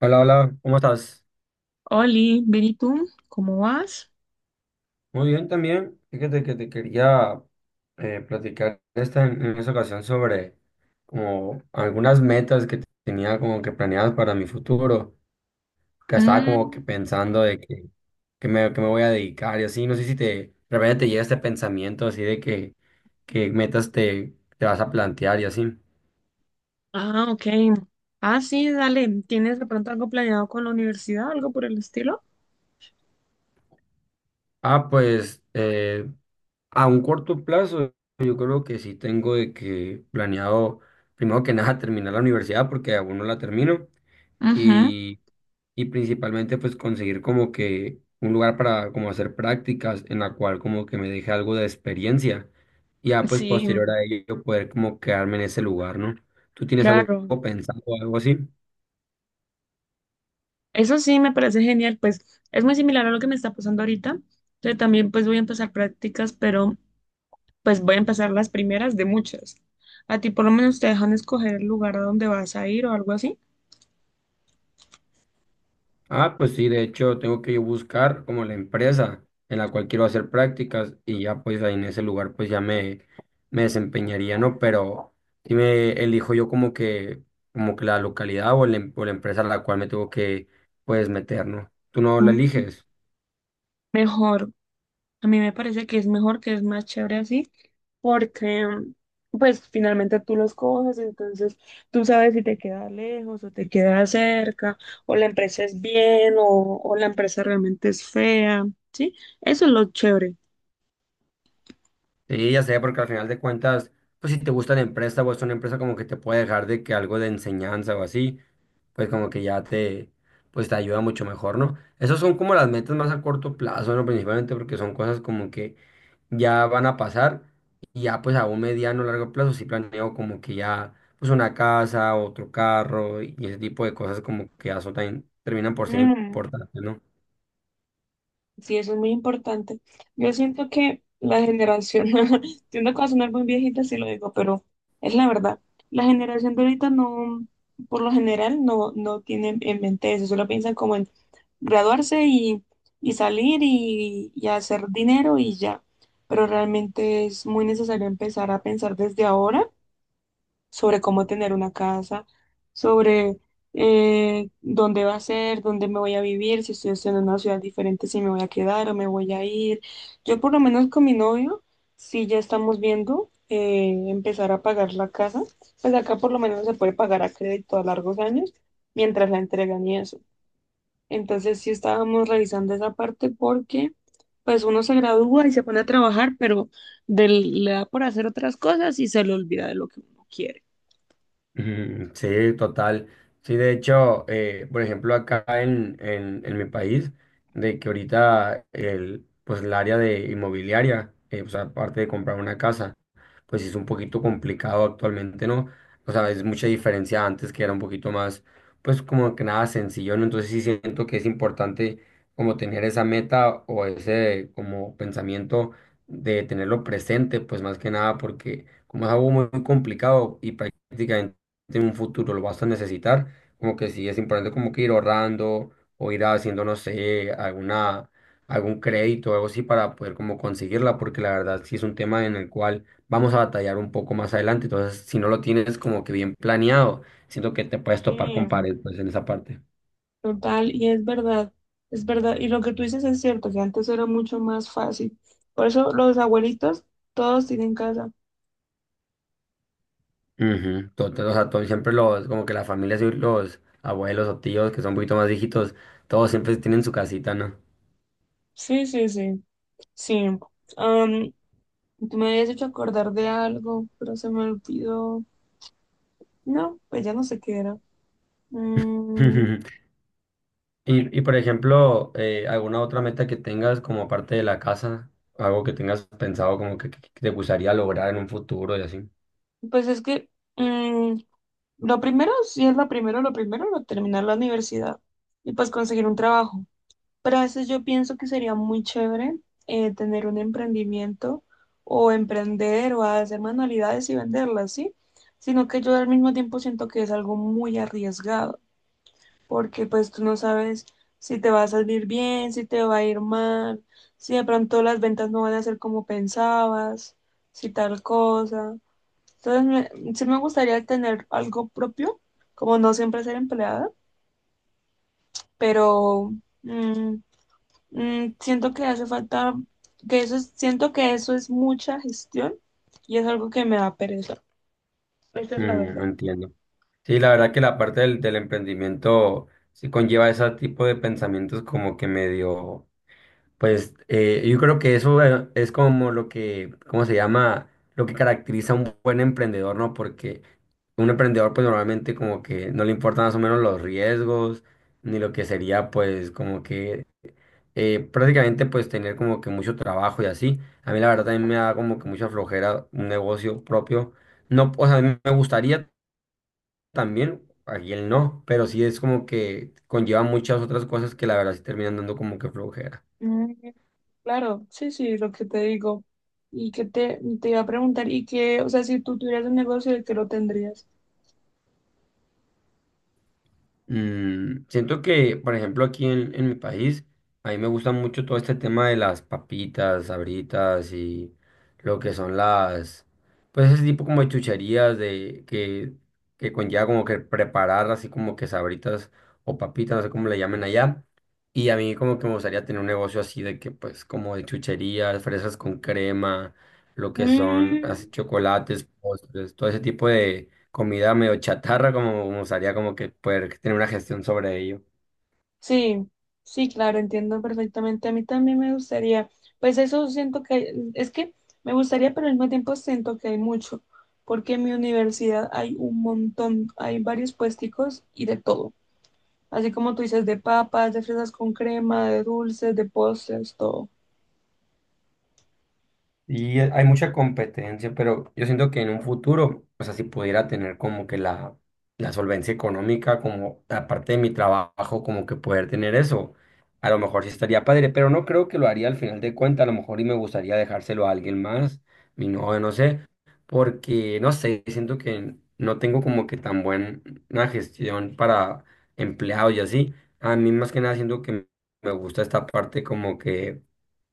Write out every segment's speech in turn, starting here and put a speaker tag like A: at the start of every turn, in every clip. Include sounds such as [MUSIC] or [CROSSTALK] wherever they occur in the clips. A: Hola, hola, ¿cómo estás?
B: Oli, bien, ¿y tú? ¿Cómo vas?
A: Muy bien también. Fíjate que te quería platicar en esta ocasión sobre como algunas metas que tenía como que planeadas para mi futuro, que estaba como que
B: Mm.
A: pensando, que me voy a dedicar y así. No sé si te, de repente te llega este pensamiento así de que metas te, te vas a plantear y así.
B: Ah, ok. Ah, sí, dale. ¿Tienes de pronto algo planeado con la universidad, algo por el estilo?
A: Ah, pues a un corto plazo, yo creo que sí tengo de que planeado, primero que nada, terminar la universidad porque aún no la termino
B: Ujú.
A: y, y principalmente pues conseguir como que un lugar para como hacer prácticas en la cual como que me deje algo de experiencia y ya pues
B: Sí,
A: posterior a ello poder como quedarme en ese lugar, ¿no? ¿Tú tienes algo
B: claro.
A: pensado, algo así?
B: Eso sí, me parece genial. Pues es muy similar a lo que me está pasando ahorita. Yo también pues voy a empezar prácticas, pero pues voy a empezar las primeras de muchas. ¿A ti por lo menos te dejan escoger el lugar a donde vas a ir o algo así?
A: Ah, pues sí, de hecho tengo que yo buscar como la empresa en la cual quiero hacer prácticas y ya pues ahí en ese lugar pues ya me desempeñaría, ¿no? Pero si me elijo yo como que la localidad o la, o la empresa a la cual me tengo que pues meter, ¿no? Tú no la
B: Mm.
A: eliges.
B: Mejor. A mí me parece que es mejor, que es más chévere así, porque pues finalmente tú los coges, entonces tú sabes si te queda lejos o te queda cerca, o la empresa es bien o la empresa realmente es fea, ¿sí? Eso es lo chévere.
A: Sí, ya sé, porque al final de cuentas, pues si te gusta la empresa o es una empresa como que te puede dejar de que algo de enseñanza o así, pues como que ya te, pues te ayuda mucho mejor, ¿no? Esas son como las metas más a corto plazo, ¿no? Principalmente porque son cosas como que ya van a pasar y ya pues a un mediano largo plazo sí planeo como que ya pues una casa, otro carro y ese tipo de cosas como que ya son también terminan por ser importantes, ¿no?
B: Sí, eso es muy importante. Yo siento que la generación, [LAUGHS] siento que va a sonar muy viejita si lo digo, pero es la verdad. La generación de ahorita no, por lo general, no tiene en mente eso, solo piensan como en graduarse y salir y hacer dinero y ya. Pero realmente es muy necesario empezar a pensar desde ahora sobre cómo tener una casa, sobre dónde va a ser, dónde me voy a vivir, si estoy estudiando en una ciudad diferente, si me voy a quedar o me voy a ir. Yo por lo menos con mi novio, sí ya estamos viendo empezar a pagar la casa, pues acá por lo menos se puede pagar a crédito a largos años mientras la entregan y eso. Entonces sí estábamos revisando esa parte porque pues uno se gradúa y se pone a trabajar, pero le da por hacer otras cosas y se le olvida de lo que uno quiere.
A: Ujú, sí, total. Sí, de hecho, por ejemplo, acá en mi país, de que ahorita el, pues el área de inmobiliaria, o sea aparte de comprar una casa, pues sí es un poquito complicado actualmente, ¿no? O sea, es mucha diferencia antes que era un poquito más, pues como que nada sencillo, ¿no? Entonces sí siento que es importante como tener esa meta o ese como pensamiento de tenerlo presente, pues más que nada porque como es algo muy muy complicado y prácticamente en un futuro lo vas a necesitar, como que sí es importante como que ir ahorrando o ir haciendo, no sé, alguna, algún crédito o algo así para poder como conseguirla, porque la verdad sí es un tema en el cual vamos a batallar un poco más adelante. Entonces, si no lo tienes como que bien planeado, siento que te puedes
B: Sí,
A: topar con pared, pues, en esa parte.
B: total, y es verdad, y lo que tú dices es cierto, que antes era mucho más fácil. Por eso los abuelitos todos tienen casa.
A: Ujú, total, o sea, todos siempre los, como que las familias y los abuelos o tíos que son un poquito más viejitos, todos siempre tienen su casita, ¿no?
B: Sí, sí, sí, sí. Am, Tú me habías hecho acordar de algo, pero se me olvidó. No, pues ya no sé qué era. Mm,
A: [LAUGHS] Y por ejemplo, ¿alguna otra meta que tengas como aparte de la casa? Algo que tengas pensado como que te gustaría lograr en un futuro y así.
B: pues es que mm, lo primero, sí es lo primero, lo terminar la universidad y pues conseguir un trabajo. Pero a veces yo pienso que sería muy chévere tener un emprendimiento o emprender o hacer manualidades y venderlas, ¿sí? Sino que yo al mismo tiempo siento que es algo muy arriesgado, porque pues tú no sabes si te va a salir bien, si te va a ir mal, si de pronto las ventas no van a ser como pensabas, si tal cosa. Entonces, sí me gustaría tener algo propio, como no siempre ser empleada, pero... mm, siento que hace falta, siento que eso es mucha gestión y es algo que me da pereza. Esa es la
A: Mm, no
B: verdad.
A: entiendo. Sí, la verdad que la parte del emprendimiento sí conlleva ese tipo de pensamientos como que medio, pues yo creo que eso, es como lo que, ¿cómo se llama? Lo que caracteriza a un buen emprendedor, ¿no? Porque un emprendedor pues normalmente como que no le importan más o menos los riesgos ni lo que sería pues como que prácticamente pues tener como que mucho trabajo y así. A mí la verdad también me da como que mucha flojera un negocio propio. No, o sea, a mí me gustaría también, aquí él no, pero sí es como que conlleva muchas otras cosas que la verdad sí terminan dando como que flojera.
B: Mm, claro, sí, sí, lo que te digo. Y que te iba a preguntar, y que, o sea, si tú tuvieras un negocio, ¿de qué lo tendrías?
A: Mm, siento que, por ejemplo, aquí en mi país, a mí me gusta mucho todo este tema de las papitas, sabritas y lo que son las, pues ese tipo como de chucherías que conlleva como que preparar así como que sabritas o papitas, no sé cómo le llamen allá. Y a mí como que me gustaría tener un negocio así de que pues como de chucherías, fresas con crema, lo que son así
B: Mm.
A: chocolates, postres, todo ese tipo comida medio chatarra, como me gustaría como que poder tener una gestión sobre ello.
B: Sí, sí, claro, entiendo perfectamente. A mí también me gustaría, pues eso siento que, es que me gustaría, pero al mismo tiempo siento que hay mucho, porque en mi universidad hay un montón, hay varios puesticos y de todo. Así como tú dices, de papas, de fresas con crema, de dulces, de postres, todo.
A: Y hay mucha competencia, pero yo siento que en un futuro, o sea, si pudiera tener como que la solvencia económica, como aparte de mi trabajo, como que poder tener eso, a lo mejor sí estaría padre, pero no creo que lo haría al final de cuentas, a lo mejor y me gustaría dejárselo a alguien más, mi novio, no sé, porque no sé, siento que no tengo como que tan buena gestión para empleados y así. A mí más que nada siento que me gusta esta parte como que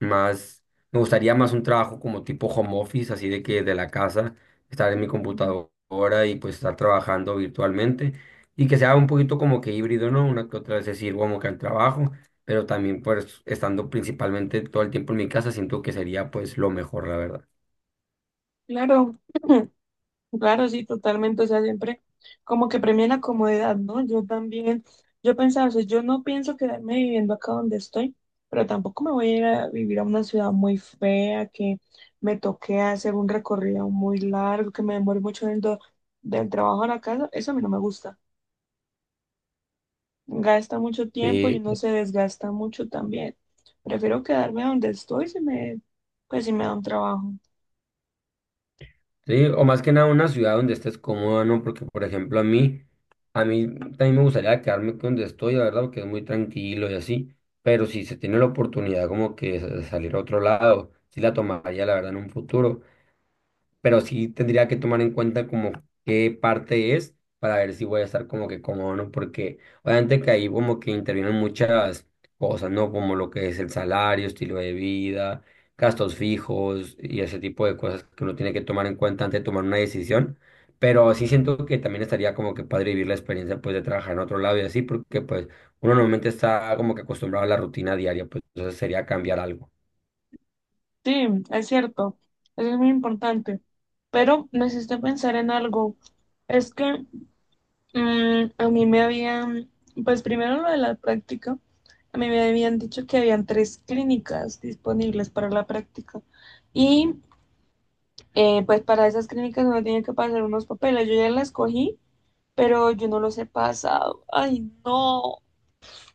A: más me gustaría más un trabajo como tipo home office, así de que de la casa, estar en mi
B: Mm.
A: computadora y pues estar trabajando virtualmente y que sea un poquito como que híbrido, ¿no? Una que otra vez decir, como que al trabajo, pero también pues estando principalmente todo el tiempo en mi casa, siento que sería pues lo mejor, la verdad.
B: Claro. [CLEARS THROAT] Claro, sí, totalmente. O sea, siempre como que premia la comodidad, ¿no? Yo también, yo pensaba, o sea, yo no pienso quedarme viviendo acá donde estoy, pero tampoco me voy a ir a vivir a una ciudad muy fea, que me toque hacer un recorrido muy largo, que me demore mucho en el del trabajo a la casa. Eso a mí no me gusta. Gasta mucho tiempo y
A: Eh,
B: uno se desgasta mucho también. Prefiero quedarme donde estoy pues si me da un trabajo.
A: Sí, o más que nada una ciudad donde estés cómoda, ¿no? Porque, por ejemplo, a mí también me gustaría quedarme donde estoy, la verdad, porque es muy tranquilo y así, pero si se tiene la oportunidad como que de salir a otro lado, sí la tomaría, la verdad, en un futuro, pero sí tendría que tomar en cuenta como qué parte es para ver si voy a estar como que cómodo, ¿no? Porque obviamente que ahí como que intervienen muchas cosas, ¿no? Como lo que es el salario, estilo de vida, gastos fijos y ese tipo de cosas que uno tiene que tomar en cuenta antes de tomar una decisión. Pero sí siento que también estaría como que padre vivir la experiencia pues de trabajar en otro lado y así, porque pues uno normalmente está como que acostumbrado a la rutina diaria, pues entonces sería cambiar algo.
B: Sí, es cierto, eso es muy importante, pero me hiciste pensar en algo. Es que a mí me habían, pues primero lo de la práctica, a mí me habían dicho que habían tres clínicas disponibles para la práctica y pues para esas clínicas uno tiene que pasar unos papeles. Yo ya las cogí, pero yo no los he pasado. Ay, no,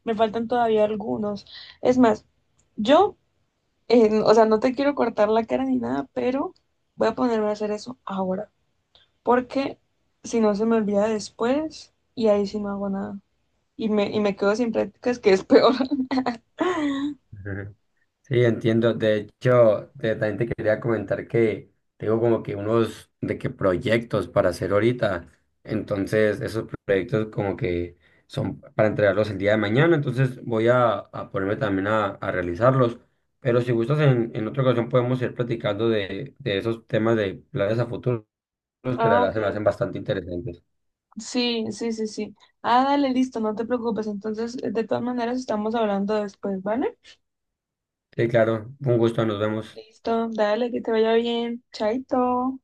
B: me faltan todavía algunos. Es más, yo o sea, no te quiero cortar la cara ni nada, pero voy a ponerme a hacer eso ahora, porque si no se me olvida después y ahí sí no hago nada. Y me quedo sin prácticas, que es peor. [LAUGHS]
A: Ujú. Sí, entiendo. De hecho, también te quería comentar que tengo como que unos de que proyectos para hacer ahorita. Entonces, esos proyectos como que son para entregarlos el día de mañana. Entonces, voy a ponerme también a realizarlos. Pero si gustas, en otra ocasión podemos ir platicando de esos temas de planes a futuro que la
B: Ah,
A: verdad
B: ok.
A: se me hacen bastante interesantes.
B: Sí, sí, sí, sí. Ah, dale, listo, no te preocupes. Entonces, de todas maneras, estamos hablando después, ¿vale?
A: Sí, claro. Un gusto. Nos vemos.
B: Listo, dale, que te vaya bien. Chaito.